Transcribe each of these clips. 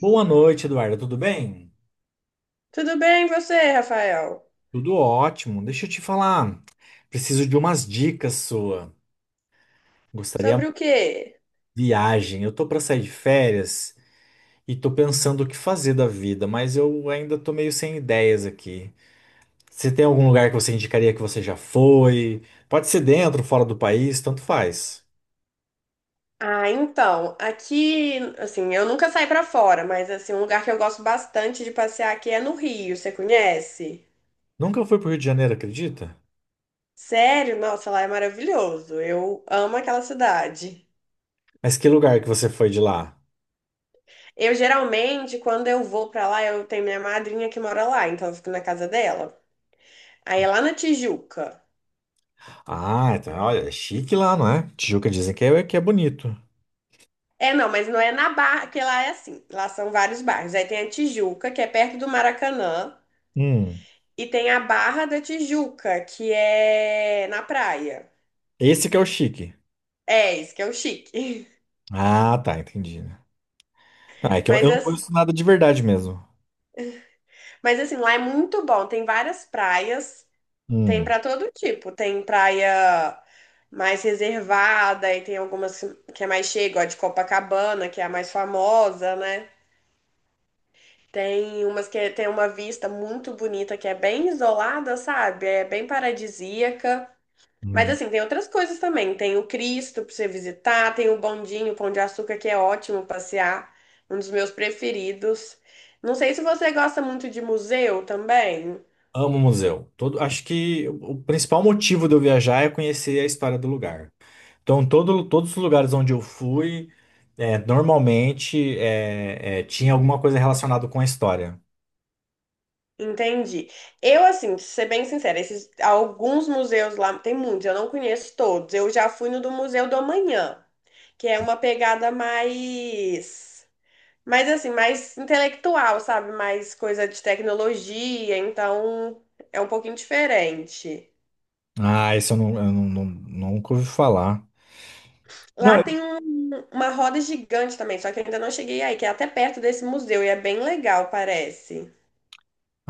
Boa noite, Eduardo. Tudo bem? Tudo bem, e você, Rafael? Tudo ótimo. Deixa eu te falar. Preciso de umas dicas sua. Gostaria Sobre o quê? de viagem. Eu tô para sair de férias e tô pensando o que fazer da vida, mas eu ainda tô meio sem ideias aqui. Você tem algum lugar que você indicaria que você já foi? Pode ser dentro, fora do país, tanto faz. Ah, então, aqui, assim, eu nunca saí pra fora, mas assim, um lugar que eu gosto bastante de passear aqui é no Rio, você conhece? Nunca fui pro Rio de Janeiro, acredita? Sério? Nossa, lá é maravilhoso. Eu amo aquela cidade. Mas que lugar que você foi de lá? Eu geralmente, quando eu vou pra lá, eu tenho minha madrinha que mora lá, então eu fico na casa dela. Aí é lá na Tijuca. Ah, então, olha, é chique lá, não é? Tijuca dizem que é bonito. É, não, mas não é na Barra, porque lá é assim. Lá são vários bairros. Aí tem a Tijuca, que é perto do Maracanã. Hum. E tem a Barra da Tijuca, que é na praia. Esse que é o chique. É, isso que é o chique. Ah, tá, entendi, né? Ah, é que eu, Mas, eu não conheço nada de verdade mesmo. mas assim, lá é muito bom. Tem várias praias, tem Hum, pra todo tipo. Tem praia mais reservada, e tem algumas que é mais cheia, igual a de Copacabana, que é a mais famosa, né? Tem umas que é, tem uma vista muito bonita, que é bem isolada, sabe? É bem paradisíaca. Mas hum. assim, tem outras coisas também. Tem o Cristo pra você visitar, tem o Bondinho, o Pão de Açúcar, que é ótimo passear, um dos meus preferidos. Não sei se você gosta muito de museu também. Amo museu. Acho que o principal motivo de eu viajar é conhecer a história do lugar. Então, todos os lugares onde eu fui, normalmente tinha alguma coisa relacionada com a história. Entendi. Eu, assim, pra ser bem sincera, esses, alguns museus lá, tem muitos, eu não conheço todos. Eu já fui no do Museu do Amanhã, que é uma pegada mais, mais assim, mais intelectual, sabe? Mais coisa de tecnologia, então é um pouquinho diferente. Ah, isso eu não, não- nunca ouvi falar. Não, Lá eu- tem uma roda gigante também, só que eu ainda não cheguei aí, que é até perto desse museu e é bem legal, parece.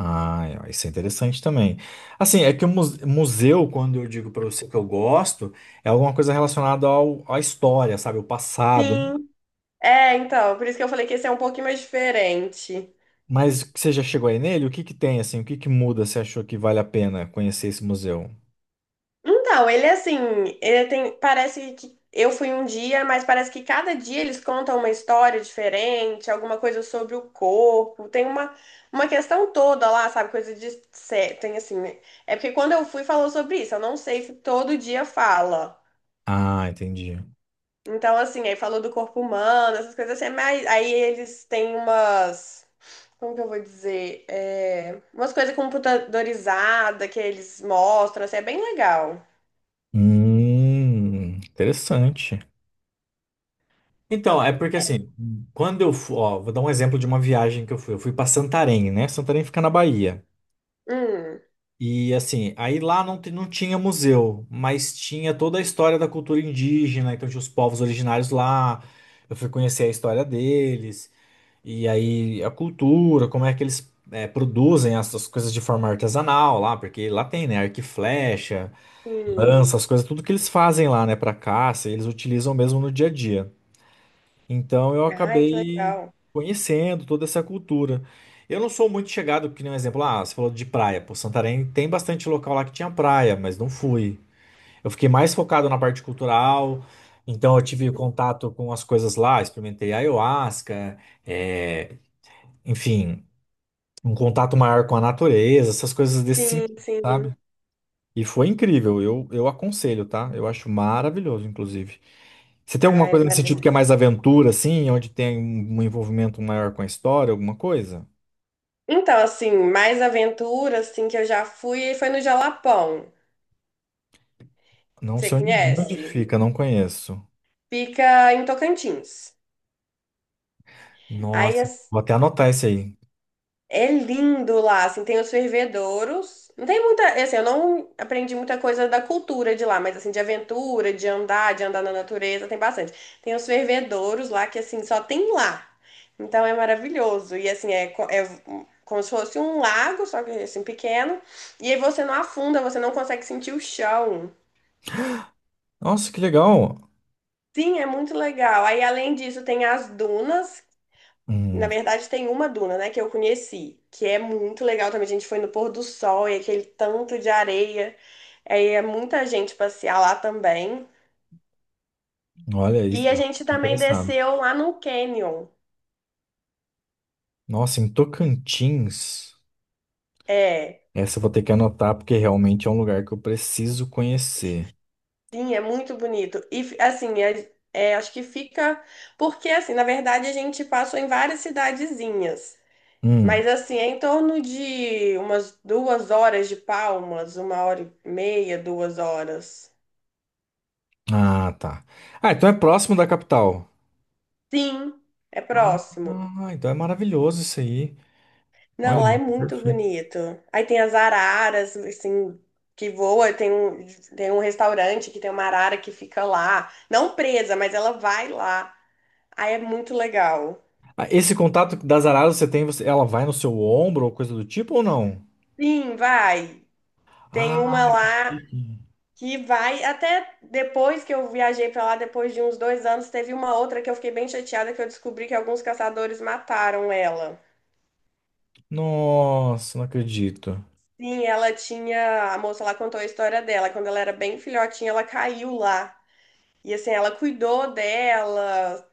Ah, isso é interessante também. Assim, é que o museu, quando eu digo para você que eu gosto, é alguma coisa relacionada à história, sabe? O passado. Sim, é, então, por isso que eu falei que esse é um pouquinho mais diferente. Mas você já chegou aí nele? O que que tem, assim? O que que muda? Você achou que vale a pena conhecer esse museu? Então, ele é assim, ele tem, parece que eu fui um dia, mas parece que cada dia eles contam uma história diferente, alguma coisa sobre o corpo, tem uma questão toda lá, sabe, coisa de, tem assim, né? É porque quando eu fui falou sobre isso, eu não sei se todo dia fala. Ah, entendi. Então, assim, aí falou do corpo humano, essas coisas assim, mas aí eles têm umas. Como que eu vou dizer? É, umas coisas computadorizadas que eles mostram, assim, é bem legal. Interessante. Então, é porque assim, quando eu fui, ó, vou dar um exemplo de uma viagem que eu fui. Eu fui para Santarém, né? Santarém fica na Bahia. Hum, E assim, aí lá não tinha museu, mas tinha toda a história da cultura indígena, então tinha os povos originários lá. Eu fui conhecer a história deles. E aí a cultura, como é que eles produzem essas coisas de forma artesanal lá, porque lá tem, né, arco e flecha, sim. lança, as coisas, tudo que eles fazem lá, né, pra caça, eles utilizam mesmo no dia a dia. Então eu Ai, que acabei legal. conhecendo toda essa cultura. Eu não sou muito chegado, que nem um exemplo, ah, você falou de praia, pô, Santarém tem bastante local lá que tinha praia, mas não fui. Eu fiquei mais focado na parte cultural, então eu tive contato com as coisas lá, experimentei ayahuasca, é, enfim, um contato maior com a natureza, essas coisas desse Sim, sentido, sim. sabe? E foi incrível, eu aconselho, tá? Eu acho maravilhoso, inclusive. Você tem alguma Ai, coisa nesse sentido parece. que é mais aventura, assim, onde tem um envolvimento maior com a história, alguma coisa? Então, assim, mais aventura, assim, que eu já fui, foi no Jalapão. Não Você sei onde conhece? fica, não conheço. Fica em Tocantins. Aí, Nossa, as- vou até anotar esse aí. É lindo lá, assim, tem os fervedouros. Não tem muita, assim, eu não aprendi muita coisa da cultura de lá, mas assim, de aventura, de andar na natureza, tem bastante. Tem os fervedouros lá que assim, só tem lá. Então é maravilhoso. E assim, é como se fosse um lago, só que assim, pequeno. E aí você não afunda, você não consegue sentir o chão. Nossa, que legal! Sim, é muito legal. Aí além disso, tem as dunas. Na Hum. verdade, tem uma duna, né, que eu conheci, que é muito legal também. A gente foi no pôr do sol e aquele tanto de areia. Aí é muita gente passear lá também. Olha, E a gente também interessado. desceu lá no Canyon. Nossa, em Tocantins, É, essa eu vou ter que anotar, porque realmente é um lugar que eu preciso conhecer. sim, é muito bonito. E assim, é, acho que fica. Porque, assim, na verdade, a gente passou em várias cidadezinhas. Mas Hum. assim, é em torno de umas 2 horas de Palmas, 1 hora e meia, 2 horas. Ah, tá. Ah, então é próximo da capital. Sim, é Ah, próximo. ah, então é maravilhoso isso aí. Não, Olha, lá é muito perfeito. bonito. Aí tem as araras, assim, que voa. Tem um restaurante que tem uma arara que fica lá. Não presa, mas ela vai lá. Aí é muito legal. Ah, esse contato das araras você tem, você, ela vai no seu ombro ou coisa do tipo ou não? Sim, vai. Tem Ah, uma lá que vai. Até depois que eu viajei pra lá, depois de uns 2 anos, teve uma outra que eu fiquei bem chateada que eu descobri que alguns caçadores mataram ela. nossa, não acredito. Sim, ela tinha. A moça lá contou a história dela. Quando ela era bem filhotinha, ela caiu lá. E assim, ela cuidou dela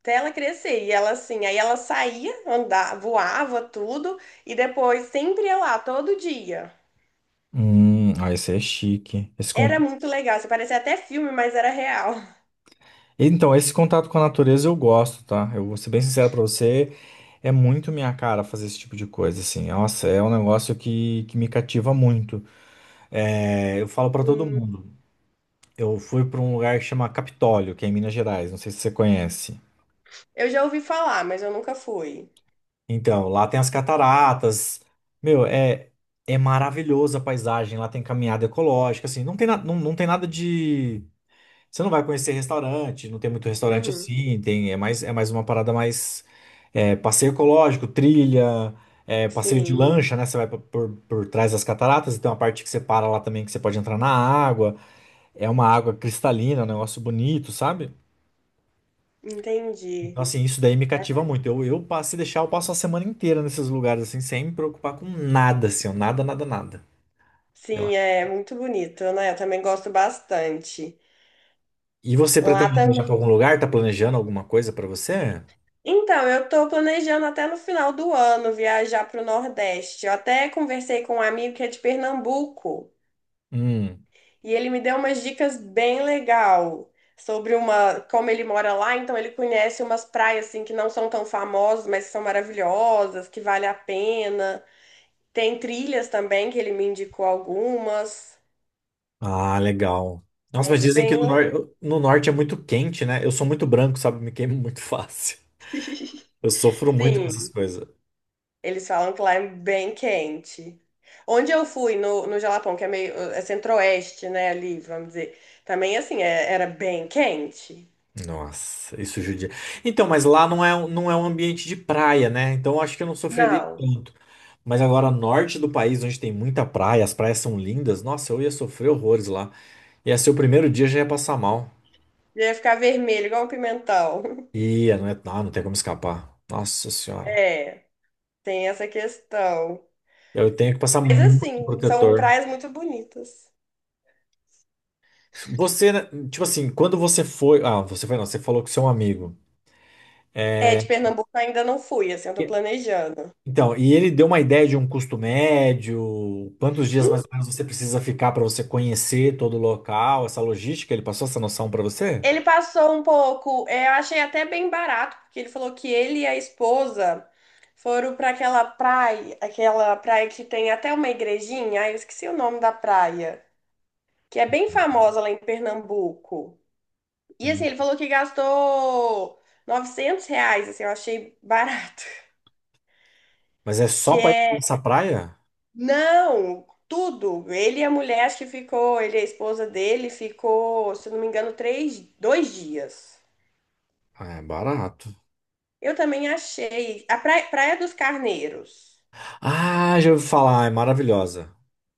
até ela crescer. E ela assim, aí ela saía, andava, voava tudo, e depois sempre ia lá, todo dia. Ah, esse é chique. Era muito legal, assim, parecia até filme, mas era real. Então, esse contato com a natureza eu gosto, tá? Eu vou ser bem sincero pra você, é muito minha cara fazer esse tipo de coisa, assim. Nossa, é um negócio que me cativa muito. É, eu falo pra todo Hum, mundo. Eu fui para um lugar que chama Capitólio, que é em Minas Gerais, não sei se você conhece. eu já ouvi falar, mas eu nunca fui. Então, lá tem as cataratas. Meu, é maravilhosa a paisagem, lá tem caminhada ecológica, assim, não tem, não tem nada de você não vai conhecer restaurante, não tem muito restaurante Uhum, assim, tem é mais uma parada mais passeio ecológico, trilha, passeio de sim, lancha, né? Você vai por trás das cataratas, e tem uma parte que você para lá também que você pode entrar na água. É uma água cristalina, um negócio bonito, sabe? entendi. Então, assim, isso daí me cativa muito. Eu passo, se deixar, eu passo a semana inteira nesses lugares, assim, sem me preocupar com nada, assim, ó, nada, nada, nada. Eu- Sim, é muito bonito, né? Eu também gosto bastante. E você Lá pretende viajar pra também. algum lugar? Tá planejando alguma coisa pra você? Então, eu tô planejando até no final do ano viajar para o Nordeste. Eu até conversei com um amigo que é de Pernambuco Hum. e ele me deu umas dicas bem legal sobre uma, como ele mora lá, então ele conhece umas praias assim que não são tão famosas, mas que são maravilhosas, que vale a pena. Tem trilhas também que ele me indicou algumas. Ah, legal. Nossa, É mas dizem que bem, le- no norte é muito quente, né? Eu sou muito branco, sabe? Me queimo muito fácil. Eu sofro muito com essas sim. coisas. Eles falam que lá é bem quente. Onde eu fui, no Jalapão, que é meio, é centro-oeste, né, ali, vamos dizer. Também, assim, era bem quente. Nossa, isso judia. Então, mas lá não é um ambiente de praia, né? Então, eu acho que eu não sofreria Não, tanto. Mas agora, norte do país, onde tem muita praia, as praias são lindas, nossa, eu ia sofrer horrores lá. Ia ser o primeiro dia, já ia passar mal. ia ficar vermelho, igual um pimentão. Ia, não é, ah, não tem como escapar. Nossa senhora. É, tem essa questão. Eu tenho que passar Mas, muito assim, são protetor. praias muito bonitas. Você, né, tipo assim, quando você foi. Ah, você foi não, você falou com seu amigo. É, É, de Pernambuco eu ainda não fui, assim, eu tô E- planejando. Então, e ele deu uma ideia de um custo médio, quantos dias mais ou menos você precisa ficar para você conhecer todo o local, essa logística, ele passou essa noção para você? Ele passou um pouco, é, eu achei até bem barato, porque ele falou que ele e a esposa foram para aquela praia que tem até uma igrejinha, ai, eu esqueci o nome da praia, que é bem famosa lá em Pernambuco. E assim, Hum. ele falou que gastou R$ 900, assim, eu achei barato. Mas é só Que para ir para é, essa praia? não, tudo. Ele e a mulher, acho que ficou, ele e a esposa dele ficou, se eu não me engano, três, 2 dias. Ah, é barato. Eu também achei. A Praia, Praia dos Carneiros. Ah, já ouvi falar. Ah, é maravilhosa.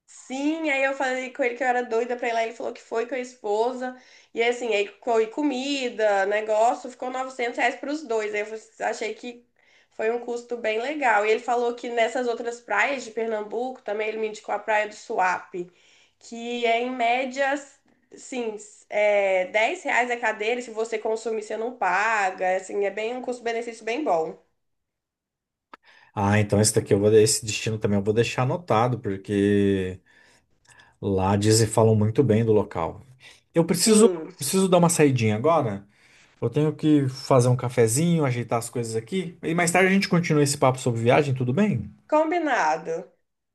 Sim, aí eu falei com ele que eu era doida pra ir lá. Ele falou que foi com a esposa. E assim, aí foi comida, negócio, ficou R$ 900 pros dois. Aí eu achei que foi um custo bem legal. E ele falou que nessas outras praias de Pernambuco, também ele me indicou a Praia do Suape, que é em média, sim, é, R$ 10 a cadeira. E se você consumir, você não paga. Assim, é bem um custo-benefício bem bom. Ah, então esse daqui eu vou, esse destino também eu vou deixar anotado, porque lá dizem falam muito bem do local. Eu preciso, Sim, preciso dar uma saidinha agora. Eu tenho que fazer um cafezinho, ajeitar as coisas aqui. E mais tarde a gente continua esse papo sobre viagem, tudo bem? combinado.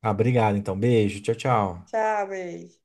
Ah, obrigado, então. Beijo, tchau, tchau. Tchau, beijo.